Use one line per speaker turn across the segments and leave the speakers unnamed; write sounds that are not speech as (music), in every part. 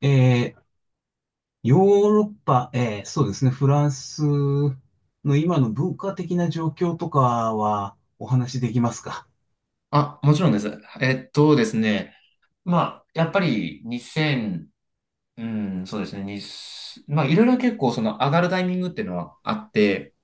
えーヨーロッパ、そうですね、フランスの今の文化的な状況とかはお話しできますか？
あ、もちろんです。ですね。まあ、やっぱり2000、うん、そうですね。にまあ、いろいろ結構その上がるタイミングっていうのはあって、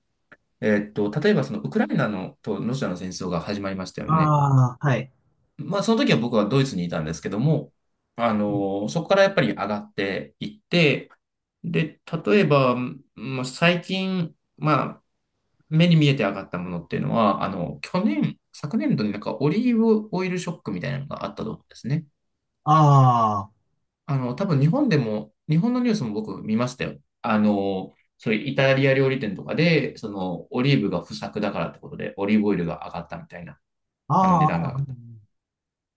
例えばそのウクライナのとロシアの戦争が始まりましたよね。
ああー、はい。
まあ、その時は僕はドイツにいたんですけども、そこからやっぱり上がっていって、で、例えば、まあ、最近、まあ、目に見えて上がったものっていうのは、去年、昨年度になんかオリーブオイルショックみたいなのがあったと思うんですね。
ああ、
多分日本でも、日本のニュースも僕見ましたよ。そういうイタリア料理店とかで、その、オリーブが不作だからってことで、オリーブオイルが上がったみたいな、
あ
値
あ、
段が上がった。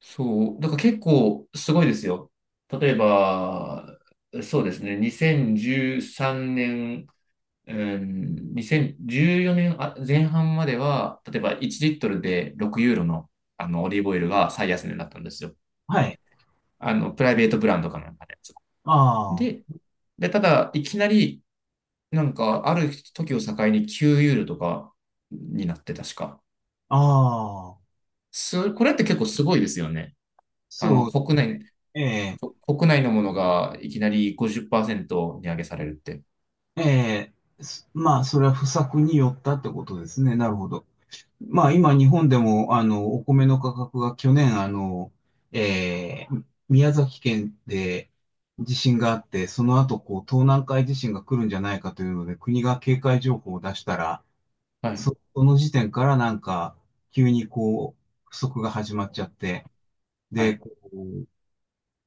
そう、だから結構すごいですよ。例えば、そうですね、2013年、うん、2014年あ前半までは、例えば1リットルで6ユーロの、あのオリーブオイルが最安値だったんですよ。
はい。
プライベートブランドかなんかで。
あ
で、
あ、
ただ、いきなり、なんか、ある時を境に9ユーロとかになって、確か。
ああ、
これって結構すごいですよね。あの、
そうで
国
す
内、
ね。え
国内のものがいきなり50%値上げされるって。
え、ええ、まあ、それは不作によったってことですね。なるほど。まあ今日本でもお米の価格が去年宮崎県で地震があって、その後こう東南海地震が来るんじゃないかというので国が警戒情報を出したら、
はい、
その時点からなんか急にこう不足が始まっちゃって、
は
で、
い、
こう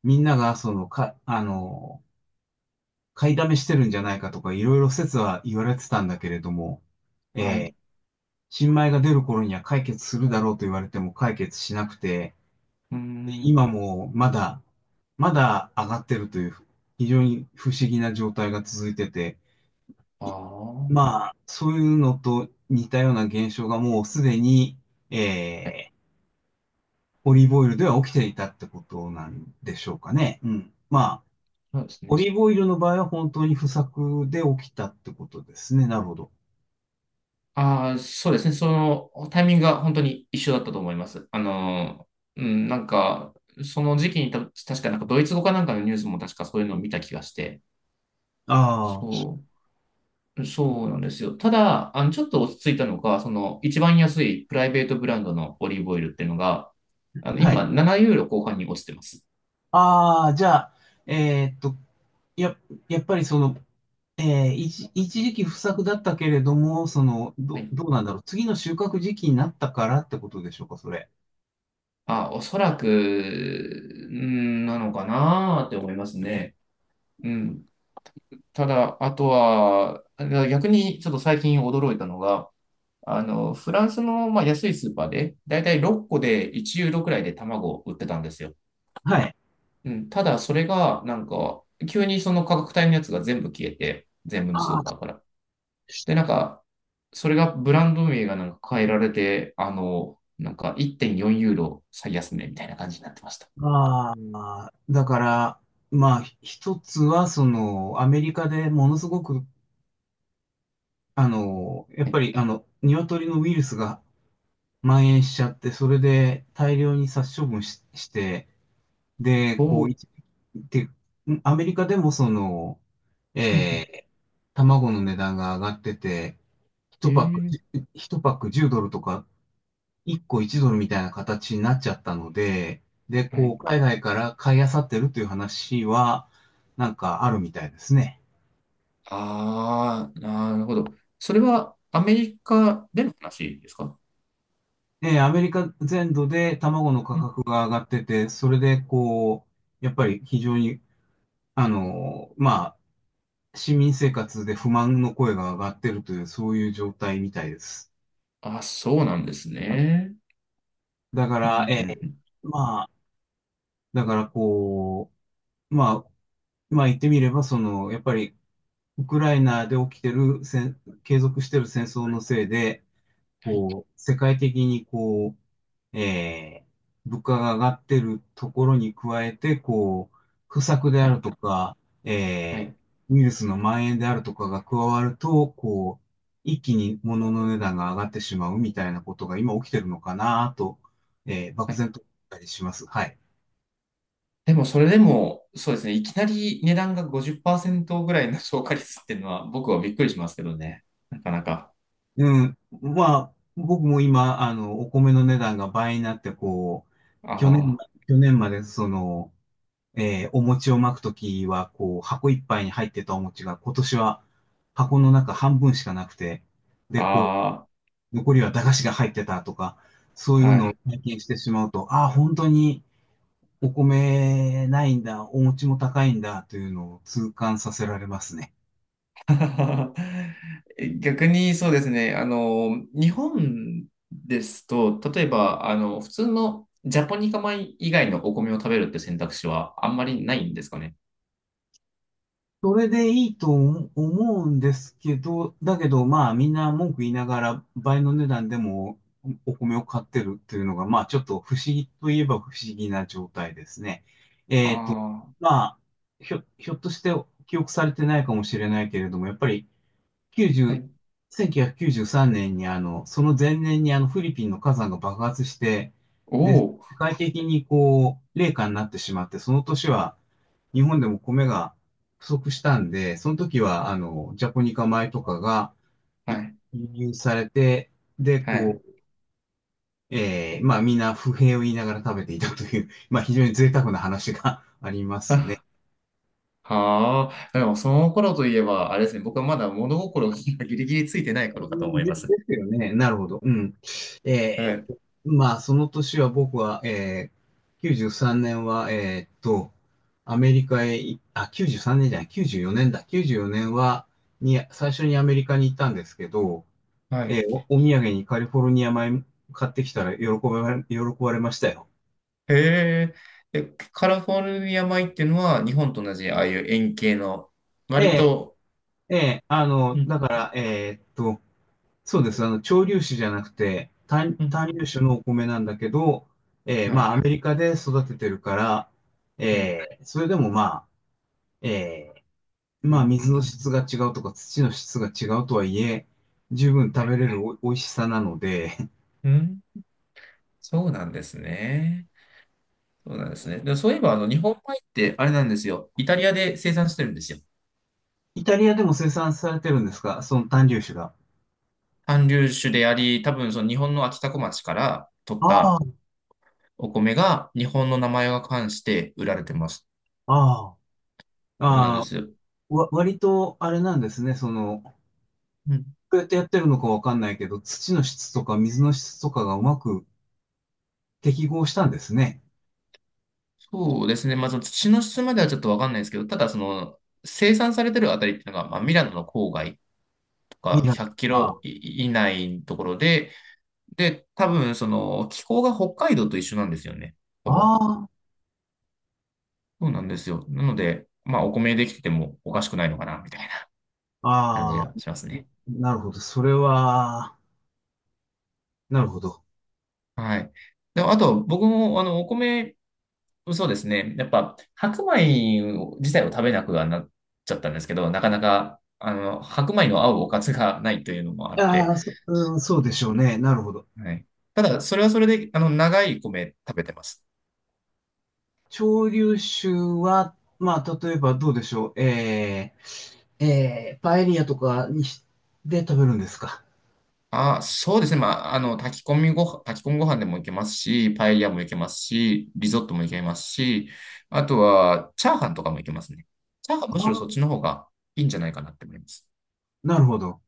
みんながそのか、あの、買いだめしてるんじゃないかとかいろいろ説は言われてたんだけれども、
はい。
え
う
ー新米が出る頃には解決するだろうと言われても解決しなくて、
ーん、
今もまだ、まだ上がってるという、非常に不思議な状態が続いてて、
あ
い
あ、は
まあ、そういうのと似たような現象がもうすでに、
い、
えー、オリーブオイルでは起きていたってことなんでしょうかね。うん。まあ、
そうです
オ
ね。
リーブオイルの場合は本当に不作で起きたってことですね。なるほど。
ああ、そうですね。その、タイミングが本当に一緒だったと思います。うん、なんか、その時期に確かなんかドイツ語かなんかのニュースも確かそういうのを見た気がして、
ああ、
そう。そうなんですよ。ただ、ちょっと落ち着いたのが、その、一番安いプライベートブランドのオリーブオイルっていうのが、
は
今、
い。
7ユーロ後半に落ちてます。
ああ、じゃあ、えーっと、や、やっぱりその、一時期不作だったけれども、その、
はい。
どうなんだろう。次の収穫時期になったからってことでしょうか、それ。
あ、おそらく、んーなのかなーって思いますね。うん。ただ、あとは、逆にちょっと最近驚いたのが、フランスの、まあ、安いスーパーで、だいたい6個で1ユーロくらいで卵を売ってたんですよ。
はい。
うん、ただ、それが、なんか、急にその価格帯のやつが全部消えて、全部のスー
あ
パーか
あ、
ら。で、なんか、それがブランド名がなんか変えられて、なんか1.4ユーロ最安値みたいな感じになってました。
ああ、だから、まあ、一つは、その、アメリカでものすごく、あの、やっ
ね
ぱり、あの、鶏のウイルスが蔓延しちゃって、それで大量に殺処分し、して、で、
お
こう、
お、
で、アメリカでも、その、
うんう
え
ん
ー卵の値段が上がってて、
へ
一パック、
ー
一パック10ドルとか、一個1ドルみたいな形になっちゃったので、で、
は
こ
い。
う、海外から買い漁ってるという話は、なんかあるみたいですね。
ああ、なるほど。それはアメリカでの話ですか？
で、アメリカ全土で卵の価
うん。
格が上がってて、それで、こう、やっぱり非常に、あの、まあ、市民生活で不満の声が上がってるという、そういう状態みたいです。
あ、そうなんですね。
だか
うんうんう
ら、ー
ん。
まあ、だからこう、まあ、まあ言ってみれば、その、やっぱりウクライナで起きてる継続してる戦争のせいで、
はい、
こう、世界的にこう、物価が上がってるところに加えて、こう、不作で
は
あ
い、
るとか、
は
え
い。
ウイルスの蔓延であるとかが加わると、こう、一気に物の値段が上がってしまうみたいなことが今起きてるのかなと、漠
はい。
然と思ったりします。はい。
でもそれでも、そうですね、いきなり値段が50%ぐらいの (laughs) 消化率っていうのは僕はびっくりしますけどね。なかなか。
うん。まあ、僕も今、あの、お米の値段が倍になって、こう、去年、
あ
去年まで、その、お餅を巻くときは、こう、箱いっぱいに入ってたお餅が、今年は箱の中半分しかなくて、で、こ
あ、あ
う、残りは駄菓子が入ってたとか、そう
あ、
いうのを
は
体験してしまうと、ああ、本当にお米ないんだ、お餅も高いんだ、というのを痛感させられますね。
い。(laughs) 逆にそうですね、日本ですと、例えば、普通のジャポニカ米以外のお米を食べるって選択肢はあんまりないんですかね。
それでいいと思うんですけど、だけどまあみんな文句言いながら倍の値段でもお米を買ってるっていうのがまあちょっと不思議といえば不思議な状態ですね。
あ
えっと、
あ、
まあひょっとして記憶されてないかもしれないけれども、やっぱり
は
90、
い。
1993年にあの、その前年にあのフィリピンの火山が爆発して、
お
で、世
お、
界的にこう、冷夏になってしまって、その年は日本でも米が不足したんで、その時はあの、ジャポニカ米とかが
は
い
い、
輸入されて、で、
はい。
こう、まあみんな不平を言いながら食べていたという、まあ非常に贅沢な話が (laughs) ありますね。
(laughs) はあ、でもその頃といえば、あれですね、僕はまだ物心が (laughs) ギリギリついてない頃かと思いま
で
す。
すよね。なるほど。うん。
は
え
い。
ーまあ、その年は僕は、93年は、えーっと、アメリカへい、あ、93年じゅうさんねんじゃない、94年だ。94年は、最初にアメリカに行ったんですけど、
は
えー
い。
お土産にカリフォルニア米買ってきたら喜ばれましたよ。
へえ。え、カリフォルニア米っていうのは、日本と同じ、ああいう円形の、
え
割
え
と、
ええ。あ
う
の、だ
ん、
から、えーっと、そうです。あの、潮流種じゃなくて、
うん、
単粒種のお米なんだけど、
は
ま
い、
あ、アメリカで育ててるから、
はい、
それでもまあ、え
う
まあ、
ん、う
水
ん、
の質が違うとか、土の質が違うとはいえ、十分
は
食
い。
べれる美味しさなので、(laughs)
うん、そうなんですね。そうなんですね。で、そういえば、日本米って、あれなんですよ。イタリアで生産してるんですよ。
イタリアでも生産されてるんですかその単粒種が。
韓流種であり、多分、その日本の秋田小町から取っ
あ
た、
あ、
お米が日本の名前が冠して売られてます。
ああ、
そうなんで
ああ、
すよ。
割とあれなんですね。その、
うん。
どうやってやってるのかわかんないけど、土の質とか水の質とかがうまく適合したんですね。
そうですね。まあ、その土の質まではちょっとわかんないですけど、ただその生産されてるあたりっていうのが、まあ、ミラノの郊外と
ミ
か
ラ
100キロ
あ
以内のところで、で、多分その気候が北海道と一緒なんですよね。
あ、
ほぼ。
あ
そうなんですよ。なので、まあお米できててもおかしくないのかな、みたいな感じ
あ、ああ、
がしますね。
なるほど。それは、なるほど。
はい。で、あと僕もあのお米そうですね。やっぱ、白米を自体を食べなくはなっちゃったんですけど、なかなか、白米の合うおかずがないというのもあっ
あ
て、
あ、うん、そう
う
で
ん
しょうね。なるほど。
はい。ただ、それはそれで、長い米食べてます。
潮流酒は、まあ、例えばどうでしょう。パエリアとかで食べるんですか。
あ、そうですね。まあ、炊き込みご飯、炊き込みご飯でもいけますし、パエリアもいけますし、リゾットもいけますし、あとは、チャーハンとかもいけますね。チャーハン
あ
むしろそっ
あ、
ちの方がいいんじゃないかなって思います。
なるほど。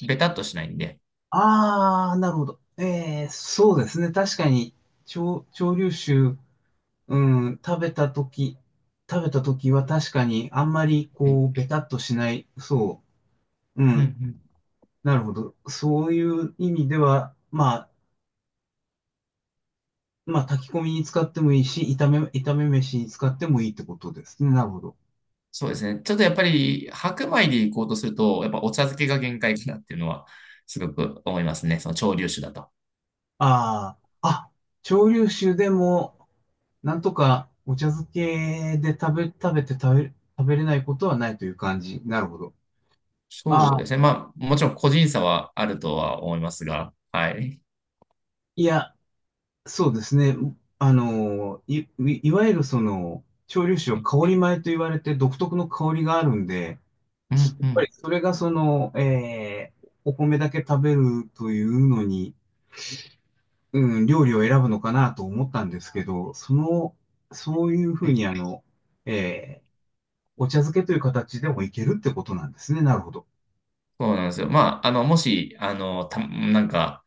ベタっとしないんで。
ああ、なるほど。そうですね。確かに、潮流酒、うん、食べたとき、食べたときは確かにあんまり
はい
こう、ベタっとしない、そう。う
うんう
ん、
ん
なるほど。そういう意味では、まあ、まあ、炊き込みに使ってもいいし、炒め飯に使ってもいいってことですね。なるほど。
そうですね。ちょっとやっぱり白米で行こうとすると、やっぱお茶漬けが限界かなっていうのはすごく思いますね。その潮流酒だと。
ああ、蒸留酒でも、なんとかお茶漬けで食べ、食べて食べ、食べれないことはないという感じ。なるほど。
そ
あ
うで
あ、
すね。まあ、もちろん個人差はあるとは思いますが、はい。
いや、そうですね。あの、いわゆるその、蒸留酒は
はい、
香り米と言われて独特の香りがあるんで、
うん、うん。
それがその、お米だけ食べるというのに、うん、料理を選ぶのかなと思ったんですけど、その、そういうふ
は
う
い。
にあの、えーお茶漬けという形でもいけるってことなんですね。なるほど。
そうなんですよ。まあ、もし、あの、た、なんか、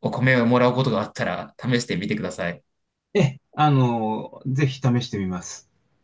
お米をもらうことがあったら、試してみてください。
ええ、あの、ぜひ試してみます。